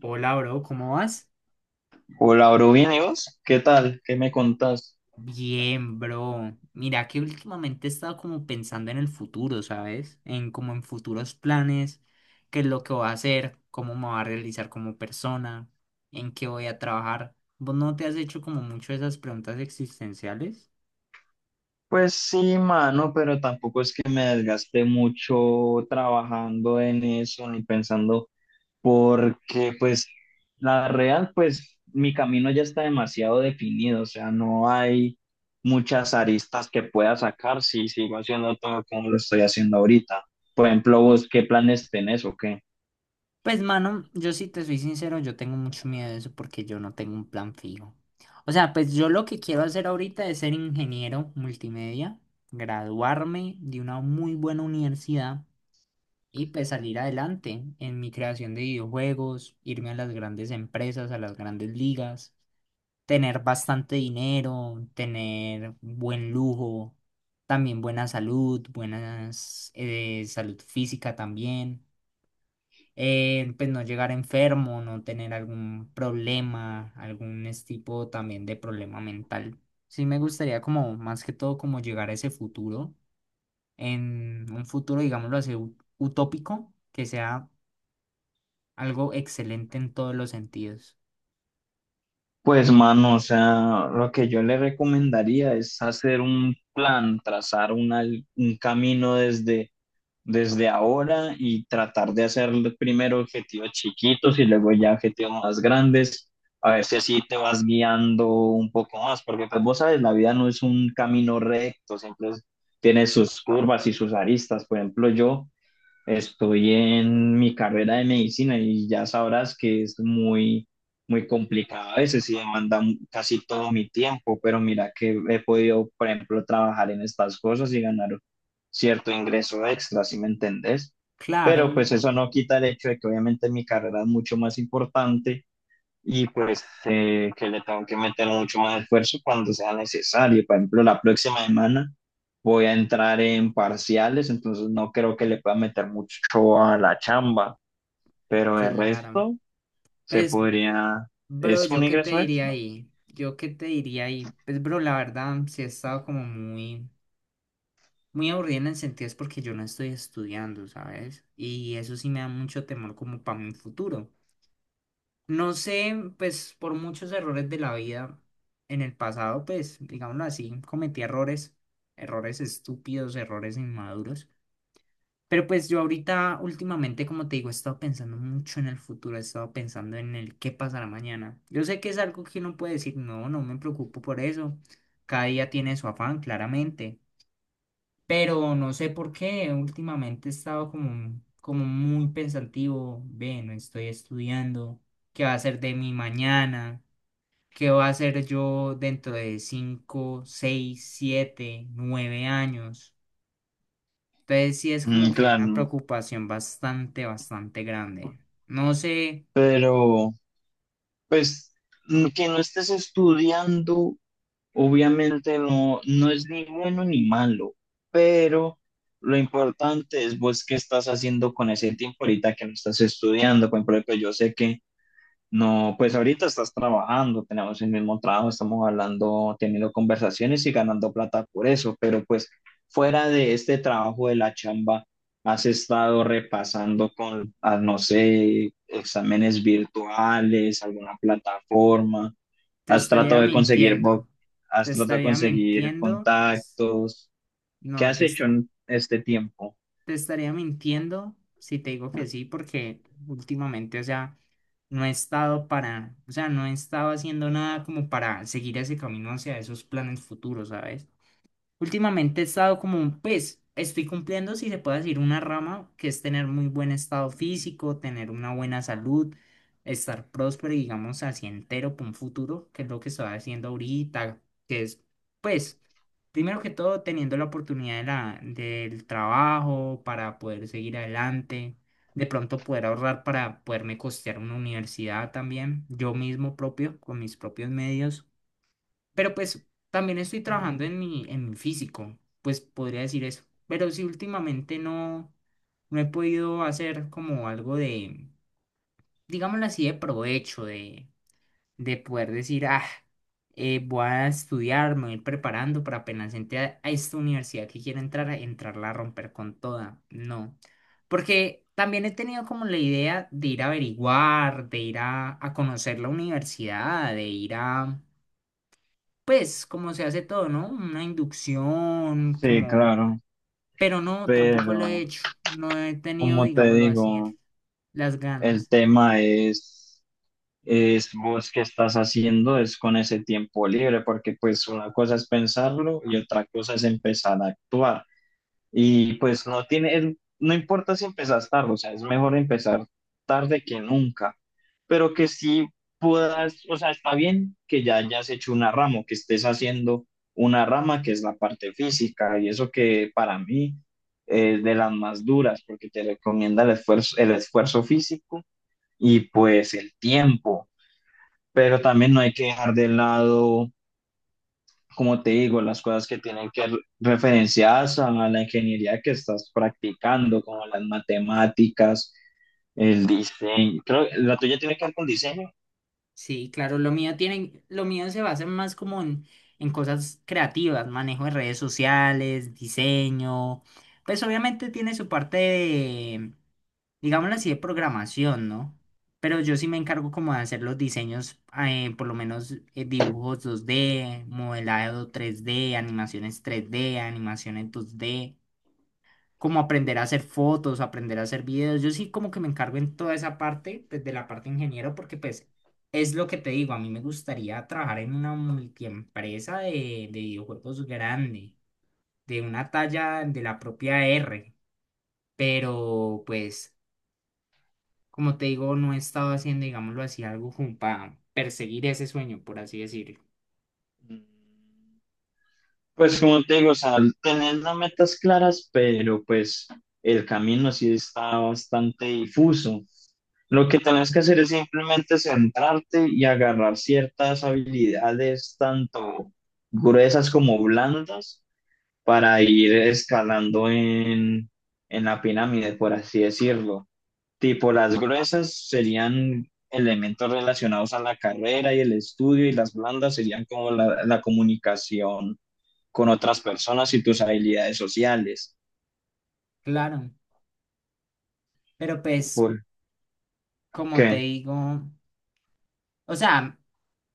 Hola, bro, ¿cómo vas? Hola, bro, bien, ¿y vos? ¿Qué tal? ¿Qué me contás? Bien, bro. Mira que últimamente he estado como pensando en el futuro, ¿sabes? En como en futuros planes, qué es lo que voy a hacer, cómo me voy a realizar como persona, en qué voy a trabajar. ¿Vos no te has hecho como mucho esas preguntas existenciales? Pues sí, mano, pero tampoco es que me desgaste mucho trabajando en eso ni pensando, porque pues la real, pues mi camino ya está demasiado definido, o sea, no hay muchas aristas que pueda sacar si sigo haciendo todo como lo estoy haciendo ahorita. Por ejemplo, vos, ¿qué planes tenés o qué? Pues, mano, yo si te soy sincero, yo tengo mucho miedo de eso porque yo no tengo un plan fijo. O sea, pues yo lo que quiero hacer ahorita es ser ingeniero multimedia, graduarme de una muy buena universidad y pues salir adelante en mi creación de videojuegos, irme a las grandes empresas, a las grandes ligas, tener bastante dinero, tener buen lujo, también buena salud, buenas salud física también. Pues no llegar enfermo, no tener algún problema, tipo también de problema mental. Sí me gustaría como más que todo como llegar a ese futuro, en un futuro digámoslo así utópico, que sea algo excelente en todos los sentidos. Pues mano, o sea, lo que yo le recomendaría es hacer un plan, trazar un camino desde ahora y tratar de hacer primero objetivos chiquitos y luego ya objetivos más grandes, a ver si así te vas guiando un poco más, porque pues vos sabes, la vida no es un camino recto, siempre tiene sus curvas y sus aristas. Por ejemplo, yo estoy en mi carrera de medicina y ya sabrás que es muy complicado a veces y demanda casi todo mi tiempo, pero mira que he podido, por ejemplo, trabajar en estas cosas y ganar cierto ingreso extra, ¿si me entendés? Pero Claro, pues eso no quita el hecho de que obviamente mi carrera es mucho más importante y pues que le tengo que meter mucho más esfuerzo cuando sea necesario. Por ejemplo, la próxima semana voy a entrar en parciales, entonces no creo que le pueda meter mucho a la chamba, pero el claro. resto se Pues, podría, bro, es ¿yo un qué te ingreso diría extra. ahí? ¿Yo qué te diría ahí? Pues, bro, la verdad, sí he estado como muy, muy aburrida en el sentido es porque yo no estoy estudiando, ¿sabes? Y eso sí me da mucho temor como para mi futuro. No sé, pues, por muchos errores de la vida en el pasado, pues, digámoslo así, cometí errores, errores estúpidos, errores inmaduros. Pero pues yo ahorita, últimamente, como te digo, he estado pensando mucho en el futuro, he estado pensando en el qué pasará mañana. Yo sé que es algo que uno puede decir, no, no me preocupo por eso. Cada día tiene su afán, claramente. Pero no sé por qué, últimamente he estado como, como muy pensativo, ve, no estoy estudiando, qué va a ser de mi mañana, qué va a ser yo dentro de 5, 6, 7, 9 años. Entonces sí es como que una Claro, preocupación bastante, bastante grande. No sé, pero pues, que no estés estudiando, obviamente no, no es ni bueno ni malo, pero lo importante es vos qué estás haciendo con ese tiempo ahorita que no estás estudiando. Por ejemplo, yo sé que no, pues ahorita estás trabajando, tenemos el mismo trabajo, estamos hablando, teniendo conversaciones y ganando plata por eso, pero pues fuera de este trabajo de la chamba, has estado repasando con, no sé, exámenes virtuales, alguna plataforma, te has estaría tratado de conseguir, mintiendo. Te has tratado de estaría conseguir mintiendo. contactos, ¿qué No, has te, es- hecho en este tiempo? Te estaría mintiendo si te digo que sí, porque últimamente, o sea, no he estado para, o sea, no he estado haciendo nada como para seguir ese camino hacia esos planes futuros, ¿sabes? Últimamente he estado como un pues, estoy cumpliendo, si se puede decir, una rama que es tener muy buen estado físico, tener una buena salud, estar próspero y digamos así entero para un futuro, que es lo que estoy haciendo ahorita, que es pues, primero que todo, teniendo la oportunidad de del trabajo para poder seguir adelante, de pronto poder ahorrar para poderme costear una universidad también, yo mismo propio, con mis propios medios. Pero pues también estoy trabajando en mi físico, pues podría decir eso. Pero sí, últimamente no, no he podido hacer como algo de, digámoslo así, de provecho, de poder decir, voy a estudiar, me voy a ir preparando para apenas a esta universidad que quiero entrar, a entrarla a romper con toda. No. Porque también he tenido como la idea de ir a averiguar, de ir a conocer la universidad, de ir a pues como se hace todo, ¿no? Una inducción, Sí, como... claro, Pero no, tampoco lo he pero hecho. No he tenido, como te digámoslo así, digo, las el ganas. tema es vos qué estás haciendo es con ese tiempo libre, porque pues una cosa es pensarlo y otra cosa es empezar a actuar. Y pues no tiene, no importa si empezas tarde, o sea, es mejor empezar tarde que nunca, pero que sí puedas, o sea, está bien que ya hayas hecho una rama, o que estés haciendo una rama que es la parte física y eso que para mí es de las más duras porque te recomienda el esfuerzo físico y pues el tiempo, pero también no hay que dejar de lado, como te digo, las cosas que tienen que referenciadas a la ingeniería que estás practicando, como las matemáticas, el diseño. Creo que la tuya tiene que ver con diseño. Sí, claro, lo mío tiene, lo mío se basa más como en cosas creativas, manejo de redes sociales, diseño. Pues obviamente tiene su parte digámoslo así, de programación, ¿no? Pero yo sí me encargo como de hacer los diseños, por lo menos dibujos 2D, modelado 3D, animaciones 3D, animaciones 2D, como aprender a hacer fotos, aprender a hacer videos. Yo sí como que me encargo en toda esa parte, pues de la parte ingeniero, porque pues es lo que te digo, a mí me gustaría trabajar en una multiempresa de videojuegos grande, de una talla de la propia R, pero pues... Como te digo, no he estado haciendo, digámoslo así, algo como para perseguir ese sueño, por así decirlo. Mm, Pues como te digo, o sea, tener las metas claras, pero pues el camino sí está bastante difuso. Lo que tenés que hacer es simplemente centrarte y agarrar ciertas habilidades, tanto gruesas como blandas, para ir escalando en la pirámide, por así decirlo. Tipo, las gruesas serían elementos relacionados a la carrera y el estudio, y las blandas serían como la comunicación con otras personas y tus habilidades sociales. Claro, pero pues, ¿Por como te qué? digo, o sea,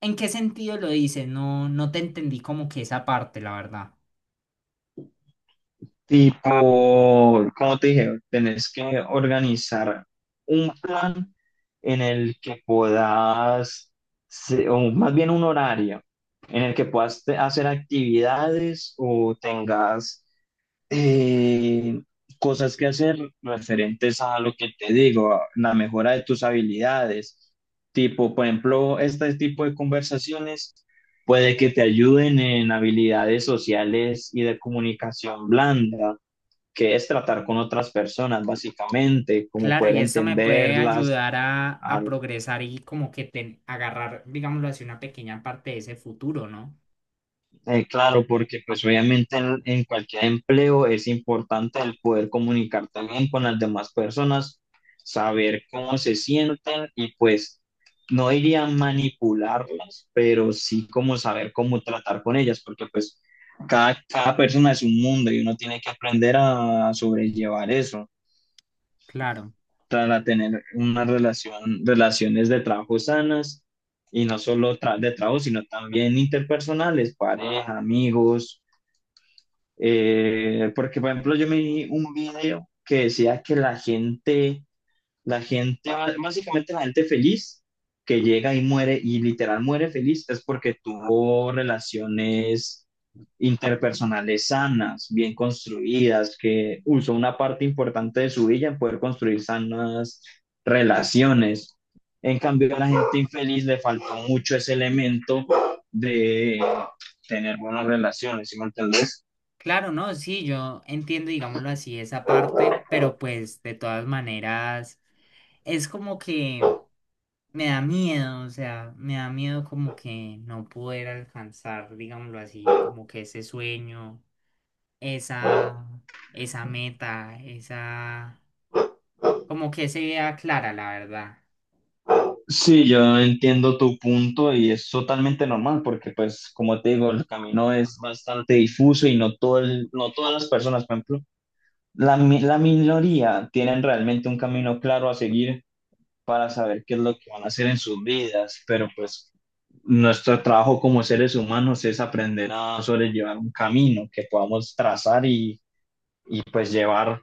¿en qué sentido lo dices? No, no te entendí como que esa parte, la verdad. Tipo, como te dije, tenés que organizar un plan en el que puedas, o más bien un horario, en el que puedas hacer actividades o tengas eh, cosas que hacer referentes a lo que te digo, a la mejora de tus habilidades. Tipo, por ejemplo, este tipo de conversaciones puede que te ayuden en habilidades sociales y de comunicación blanda, que es tratar con otras personas, básicamente, como Claro, poder y eso me puede entenderlas. ayudar a al- progresar y como que agarrar, digámoslo así, una pequeña parte de ese futuro, ¿no? Claro, porque pues obviamente en cualquier empleo es importante el poder comunicar también con las demás personas, saber cómo se sienten y pues no diría manipularlas, pero sí como saber cómo tratar con ellas, porque pues cada persona es un mundo y uno tiene que aprender a sobrellevar eso. Claro. Para tener unas relaciones de trabajo sanas y no solo de trabajo, sino también interpersonales, pareja, amigos, porque por ejemplo yo me vi un video que decía que la gente, básicamente la gente feliz que llega y muere y literal muere feliz es porque tuvo relaciones interpersonales sanas, bien construidas, que usó una parte importante de su vida en poder construir sanas relaciones. En cambio, a la gente infeliz le faltó mucho ese elemento de tener buenas relaciones, ¿sí me entendés? Claro, no, sí, yo entiendo, digámoslo así, esa parte, pero pues de todas maneras es como que me da miedo, o sea, me da miedo como que no poder alcanzar, digámoslo así, como que ese sueño, esa, esa meta, esa, como que se vea clara, la verdad. Sí, yo entiendo tu punto y es totalmente normal porque, pues, como te digo, el camino es bastante difuso y no todo el- no todas las personas, por ejemplo, la minoría tienen realmente un camino claro a seguir para saber qué es lo que van a hacer en sus vidas, pero pues nuestro trabajo como seres humanos es aprender a sobrellevar un camino que podamos trazar y pues llevar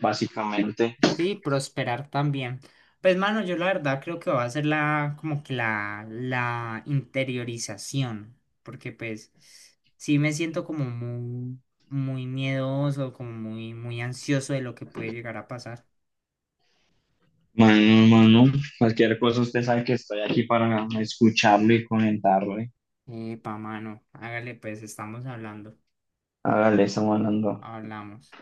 básicamente Sí, prosperar también. Pues, mano, yo la verdad creo que va a ser la, como que la interiorización, porque pues sí me siento como muy, muy miedoso, como muy, muy ansioso de lo que puede llegar a pasar. mano a mano. Cualquier cosa, usted sabe que estoy aquí para escucharlo y comentarlo, ¿eh? Epa, mano, hágale pues, estamos hablando, Hágale, estamos hablando. hablamos.